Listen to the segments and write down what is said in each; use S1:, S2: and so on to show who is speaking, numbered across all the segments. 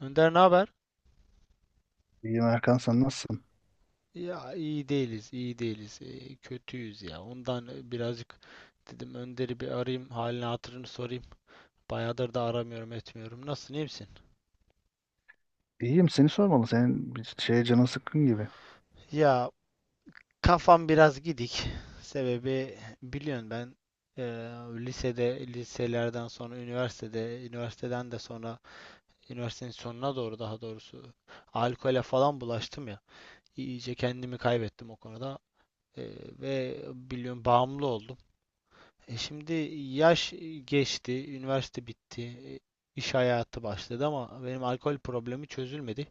S1: Önder ne haber?
S2: İyiyim Erkan, sen nasılsın?
S1: Ya iyi değiliz, iyi değiliz. Kötüyüz ya. Ondan birazcık dedim Önder'i bir arayayım, halini hatırını sorayım. Bayağıdır da aramıyorum, etmiyorum. Nasılsın, iyi misin?
S2: İyiyim, seni sormalı. Senin bir şeye canın sıkkın gibi.
S1: Ya kafam biraz gidik. Sebebi biliyorsun ben eee, lisede, liselerden sonra üniversitede, üniversiteden de sonra üniversitenin sonuna doğru daha doğrusu alkole falan bulaştım ya. İyice kendimi kaybettim o konuda. Ve biliyorum bağımlı oldum. Şimdi yaş geçti, üniversite bitti, iş hayatı başladı ama benim alkol problemi çözülmedi.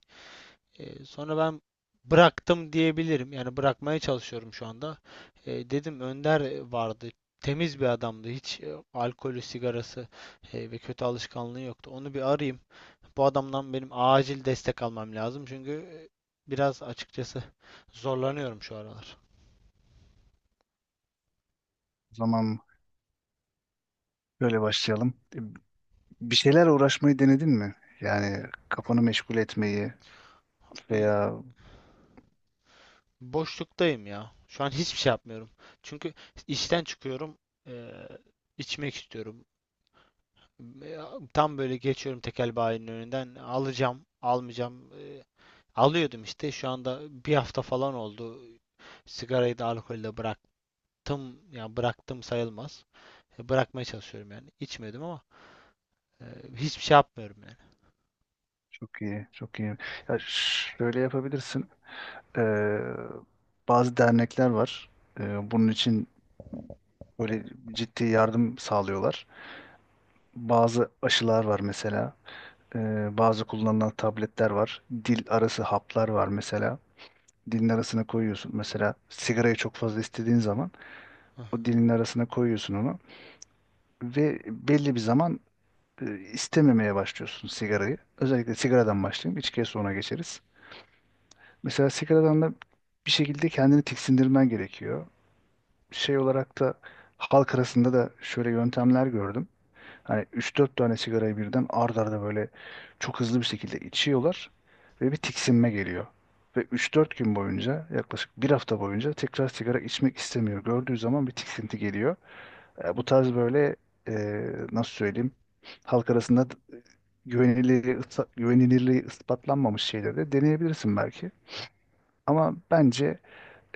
S1: Sonra ben bıraktım diyebilirim. Yani bırakmaya çalışıyorum şu anda. Dedim Önder vardı. Temiz bir adamdı. Hiç alkolü, sigarası ve kötü alışkanlığı yoktu. Onu bir arayayım. Bu adamdan benim acil destek almam lazım. Çünkü biraz açıkçası zorlanıyorum şu aralar.
S2: O zaman böyle başlayalım. Bir şeyler uğraşmayı denedin mi? Yani kafanı meşgul etmeyi veya
S1: Boşluktayım ya. Şu an hiçbir şey yapmıyorum. Çünkü işten çıkıyorum. Eee, içmek istiyorum. Ya, tam böyle geçiyorum tekel bayinin önünden. Alacağım, almayacağım. Alıyordum işte. Şu anda bir hafta falan oldu. Sigarayı da alkolü de bıraktım. Yani bıraktım sayılmaz. Bırakmaya çalışıyorum yani. İçmiyordum ama eee, hiçbir şey yapmıyorum yani.
S2: çok iyi, çok iyi. Şöyle yapabilirsin. Ee, Bazı dernekler var. Bunun için böyle ciddi yardım sağlıyorlar. Bazı aşılar var mesela. Bazı kullanılan tabletler var. Dil arası haplar var mesela. Dilin arasına koyuyorsun. Mesela sigarayı çok fazla istediğin zaman o
S1: Hah.
S2: dilin arasına koyuyorsun onu ve belli bir zaman istememeye başlıyorsun sigarayı. Özellikle sigaradan başlayayım. İçkiye sonra geçeriz. Mesela sigaradan da bir şekilde kendini tiksindirmen gerekiyor. Şey olarak da halk arasında da şöyle yöntemler gördüm. Hani üç dört tane sigarayı birden ard arda böyle çok hızlı bir şekilde içiyorlar ve bir tiksinme geliyor. Ve üç dört gün boyunca, yaklaşık bir hafta boyunca tekrar sigara içmek istemiyor. Gördüğü zaman bir tiksinti geliyor. Bu tarz böyle, e, nasıl söyleyeyim, halk arasında güvenilirliği, güvenilirliği ispatlanmamış şeyleri de deneyebilirsin belki. Ama bence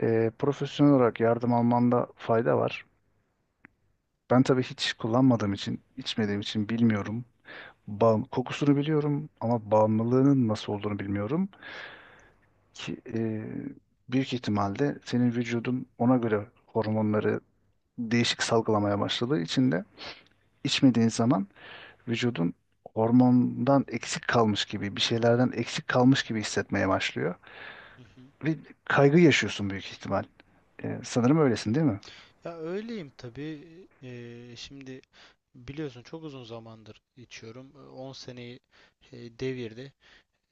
S2: profesyonel olarak yardım almanda fayda var. Ben tabii hiç kullanmadığım için, içmediğim için bilmiyorum. Kokusunu biliyorum ama bağımlılığının nasıl olduğunu bilmiyorum ki büyük ihtimalle senin vücudun ona göre hormonları değişik salgılamaya başladığı için de içmediğin zaman vücudun hormondan eksik kalmış gibi, bir şeylerden eksik kalmış gibi hissetmeye başlıyor
S1: Hı hı.
S2: ve kaygı yaşıyorsun büyük ihtimal. Sanırım öylesin değil mi?
S1: Ya öyleyim tabii. Şimdi biliyorsun çok uzun zamandır içiyorum. 10 seneyi devirdi.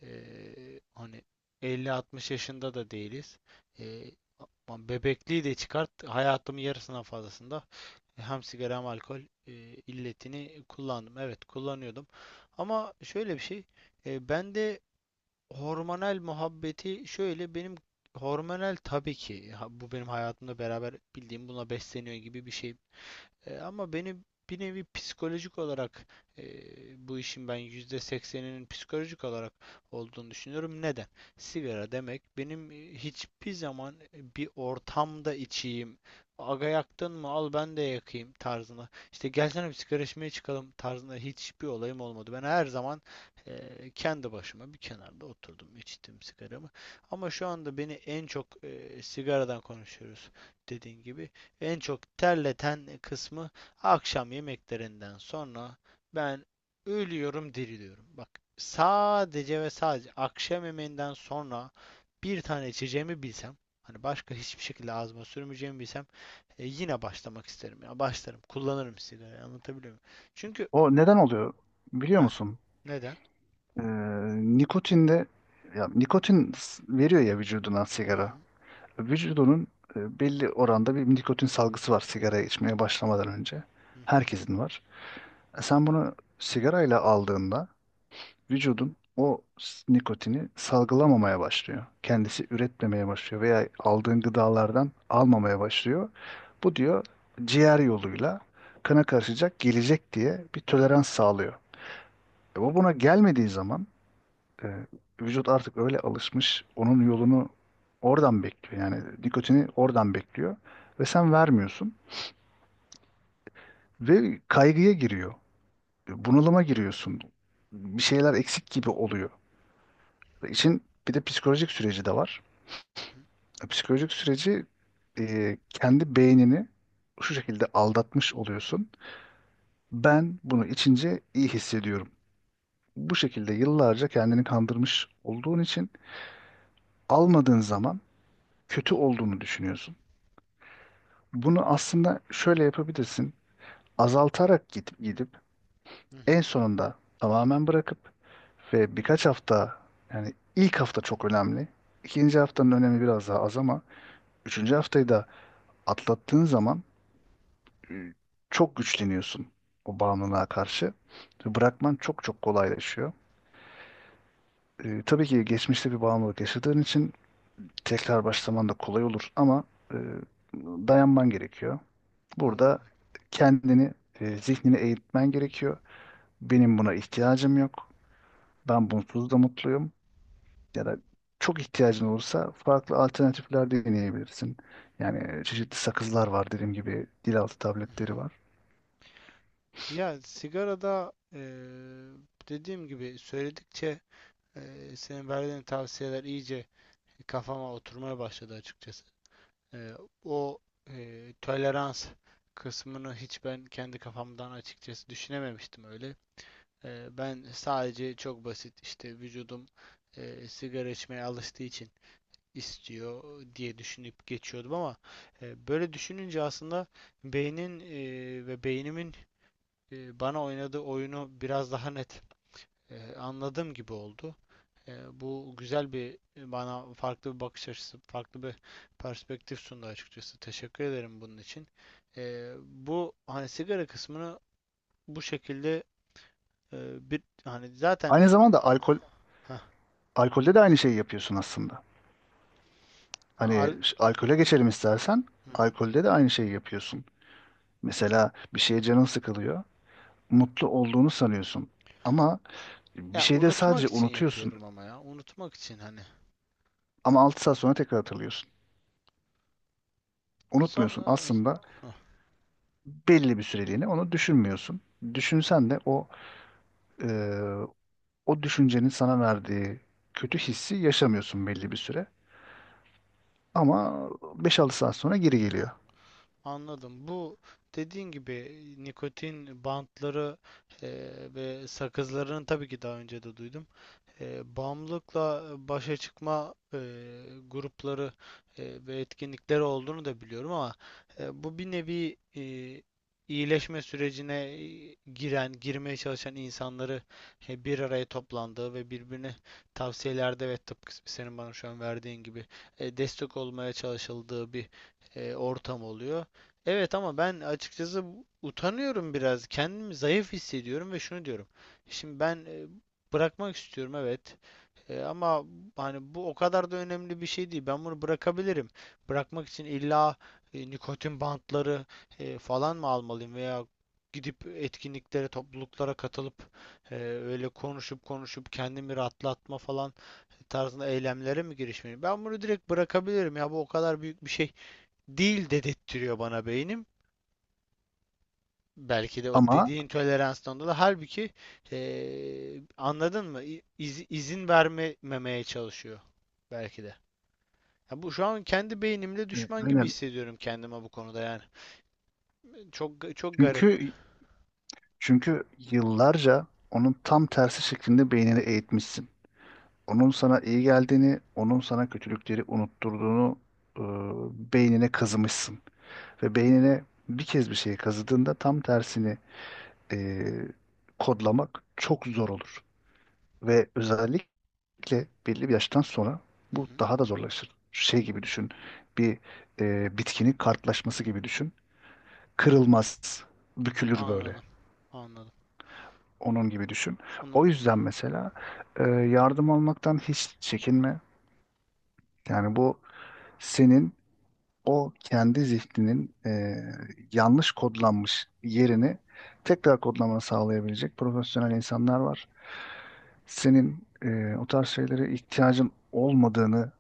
S1: Hani 50-60 yaşında da değiliz. Eee, ama bebekliği de çıkart. Hayatımın yarısından fazlasında hem sigara hem alkol e, illetini kullandım. Evet kullanıyordum. Ama şöyle bir şey. Bende hormonal muhabbeti şöyle benim. Hormonal tabii ki bu benim hayatımda beraber bildiğim buna besleniyor gibi bir şey, ama beni bir nevi psikolojik olarak, e, bu işin ben %80'inin psikolojik olarak olduğunu düşünüyorum. Neden? Sigara demek benim hiçbir zaman bir ortamda içeyim. Aga yaktın mı? Al ben de yakayım tarzına. İşte gelsene bir sigara içmeye çıkalım tarzında hiçbir olayım olmadı. Ben her zaman kendi başıma bir kenarda oturdum, içtim sigaramı. Ama şu anda beni en çok, sigaradan konuşuyoruz dediğin gibi, en çok terleten kısmı akşam yemeklerinden sonra ben ölüyorum diriliyorum. Bak, sadece ve sadece akşam yemeğinden sonra bir tane içeceğimi bilsem, hani başka hiçbir şekilde ağzıma sürmeyeceğimi bilsem, yine başlamak isterim ya. Başlarım. Kullanırım sigarayı. Anlatabiliyor muyum? Çünkü.
S2: O neden oluyor biliyor
S1: heh,
S2: musun?
S1: neden?
S2: E, Nikotinde, veriyor ya vücuduna
S1: Hı hı.
S2: sigara. Vücudunun belli oranda bir nikotin salgısı var sigara içmeye başlamadan önce.
S1: Hı hı.
S2: Herkesin var. Sen bunu sigarayla aldığında vücudun o nikotini salgılamamaya başlıyor. Kendisi üretmemeye başlıyor veya aldığın gıdalardan almamaya başlıyor. Bu diyor ciğer yoluyla kana karışacak, gelecek diye bir tolerans sağlıyor. Bu buna gelmediği zaman e, vücut artık öyle alışmış, onun yolunu oradan bekliyor. Yani nikotini oradan bekliyor ve sen vermiyorsun ve kaygıya giriyor. Bunalıma giriyorsun. Bir şeyler eksik gibi oluyor. Ve İşin bir de psikolojik süreci de var.
S1: Hı hı.
S2: Psikolojik süreci, kendi beynini şu şekilde aldatmış oluyorsun. Ben bunu içince iyi hissediyorum. Bu şekilde yıllarca kendini kandırmış olduğun için almadığın zaman kötü olduğunu düşünüyorsun. Bunu aslında şöyle yapabilirsin. Azaltarak gidip en sonunda tamamen bırakıp ve birkaç hafta, yani ilk hafta çok önemli. İkinci haftanın önemi biraz daha az ama üçüncü haftayı da atlattığın zaman e, çok güçleniyorsun o bağımlılığa karşı. Ve bırakman çok çok kolaylaşıyor. Tabii ki geçmişte bir bağımlılık yaşadığın için tekrar başlaman da kolay olur ama e, dayanman gerekiyor. Burada
S1: Anladım.
S2: kendini, zihnini eğitmen gerekiyor. Benim buna ihtiyacım yok. Ben bunsuz da mutluyum. Ya da çok ihtiyacın olursa farklı alternatifler deneyebilirsin. Yani çeşitli sakızlar var, dediğim gibi dilaltı
S1: Hı
S2: tabletleri
S1: hı.
S2: var.
S1: Ya sigarada dediğim gibi söyledikçe. Senin verdiğin tavsiyeler iyice kafama oturmaya başladı açıkçası. Ee, o tolerans kısmını hiç ben kendi kafamdan açıkçası düşünememiştim öyle. Ben sadece çok basit işte vücudum sigara içmeye alıştığı için istiyor diye düşünüp geçiyordum ama böyle düşününce aslında beynin, ve beynimin bana oynadığı oyunu biraz daha net anladığım gibi oldu. Bu güzel bir bana farklı bir bakış açısı, farklı bir perspektif sundu açıkçası. Teşekkür ederim bunun için. Bu hani sigara kısmını bu şekilde, bir hani zaten
S2: Aynı zamanda alkol
S1: heh,
S2: alkolde de aynı şeyi yapıyorsun aslında.
S1: al-
S2: Alkole geçelim istersen,
S1: Hı hı.
S2: alkolde de aynı şeyi yapıyorsun. Mesela bir şeye canın sıkılıyor. Mutlu olduğunu sanıyorsun. Ama bir
S1: Ya
S2: şeyde
S1: unutmak
S2: sadece
S1: için
S2: unutuyorsun.
S1: yapıyorum ama ya unutmak için hani.
S2: Ama 6 saat sonra tekrar hatırlıyorsun.
S1: Son.
S2: Unutmuyorsun
S1: Heh,
S2: aslında, belli bir süreliğine onu düşünmüyorsun. Düşünsen de e, o düşüncenin sana verdiği kötü hissi yaşamıyorsun belli bir süre. Ama beş altı saat sonra geri geliyor.
S1: anladım. Bu dediğin gibi nikotin bantları e, ve sakızlarını tabii ki daha önce de duydum. Bağımlılıkla başa çıkma grupları ve etkinlikleri olduğunu da biliyorum ama, bu bir nevi iyileşme sürecine giren, girmeye çalışan insanları bir araya toplandığı ve birbirine tavsiyelerde, ve tıpkı senin bana şu an verdiğin gibi destek olmaya çalışıldığı bir ortam oluyor. Evet ama ben açıkçası utanıyorum biraz. Kendimi zayıf hissediyorum ve şunu diyorum. Şimdi ben bırakmak istiyorum, evet. Ama hani bu o kadar da önemli bir şey değil. Ben bunu bırakabilirim. Bırakmak için illa nikotin bantları falan mı almalıyım, veya gidip etkinliklere, topluluklara katılıp öyle konuşup konuşup kendimi rahatlatma falan tarzında eylemlere mi girişmeliyim? Ben bunu direkt bırakabilirim ya, bu o kadar büyük bir şey değil dedettiriyor bana beynim. Belki de o
S2: Ama
S1: dediğin toleranstan dolayı. Halbuki anladın mı? İ- iz- izin vermemeye çalışıyor. Belki de. Ya bu şu an kendi beynimle
S2: e,
S1: düşman gibi
S2: aynen,
S1: hissediyorum kendime bu konuda yani. Çok çok garip.
S2: çünkü çünkü yıllarca onun tam tersi şeklinde beynini eğitmişsin. Onun sana iyi geldiğini, onun sana kötülükleri unutturduğunu e, beynine kazımışsın. Ve beynine bir kez bir şeyi kazıdığında tam tersini e, kodlamak çok zor olur. Ve özellikle belli bir yaştan sonra
S1: Hı
S2: bu
S1: hı.
S2: daha da zorlaşır. Şey gibi düşün, bir bitkinin kartlaşması gibi düşün. Kırılmaz, bükülür böyle.
S1: Anladım. Anladım.
S2: Onun gibi düşün. O
S1: Onu,
S2: yüzden mesela yardım almaktan hiç çekinme. Yani bu senin o kendi zihninin yanlış kodlanmış yerini tekrar kodlamanı sağlayabilecek profesyonel insanlar var. Senin o tarz şeylere ihtiyacın olmadığını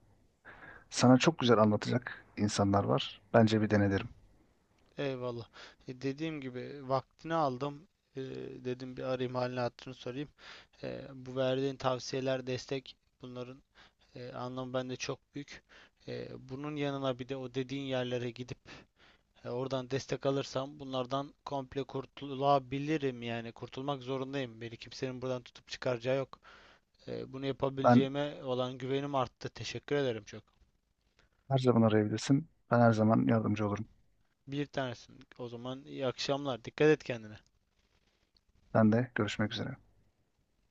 S2: sana çok güzel anlatacak insanlar var. Bence bir dene derim.
S1: eyvallah. Dediğim gibi vaktini aldım. E, dedim bir arayayım halini hatırını sorayım. Bu verdiğin tavsiyeler, destek, bunların anlamı bende çok büyük. Bunun yanına bir de o dediğin yerlere gidip oradan destek alırsam bunlardan komple kurtulabilirim, yani kurtulmak zorundayım. Beni kimsenin buradan tutup çıkaracağı yok. Bunu
S2: Ben
S1: yapabileceğime olan güvenim arttı. Teşekkür ederim çok.
S2: her zaman arayabilirsin. Ben her zaman yardımcı olurum.
S1: Bir tanesin. O zaman iyi akşamlar. Dikkat et kendine.
S2: Ben de görüşmek üzere.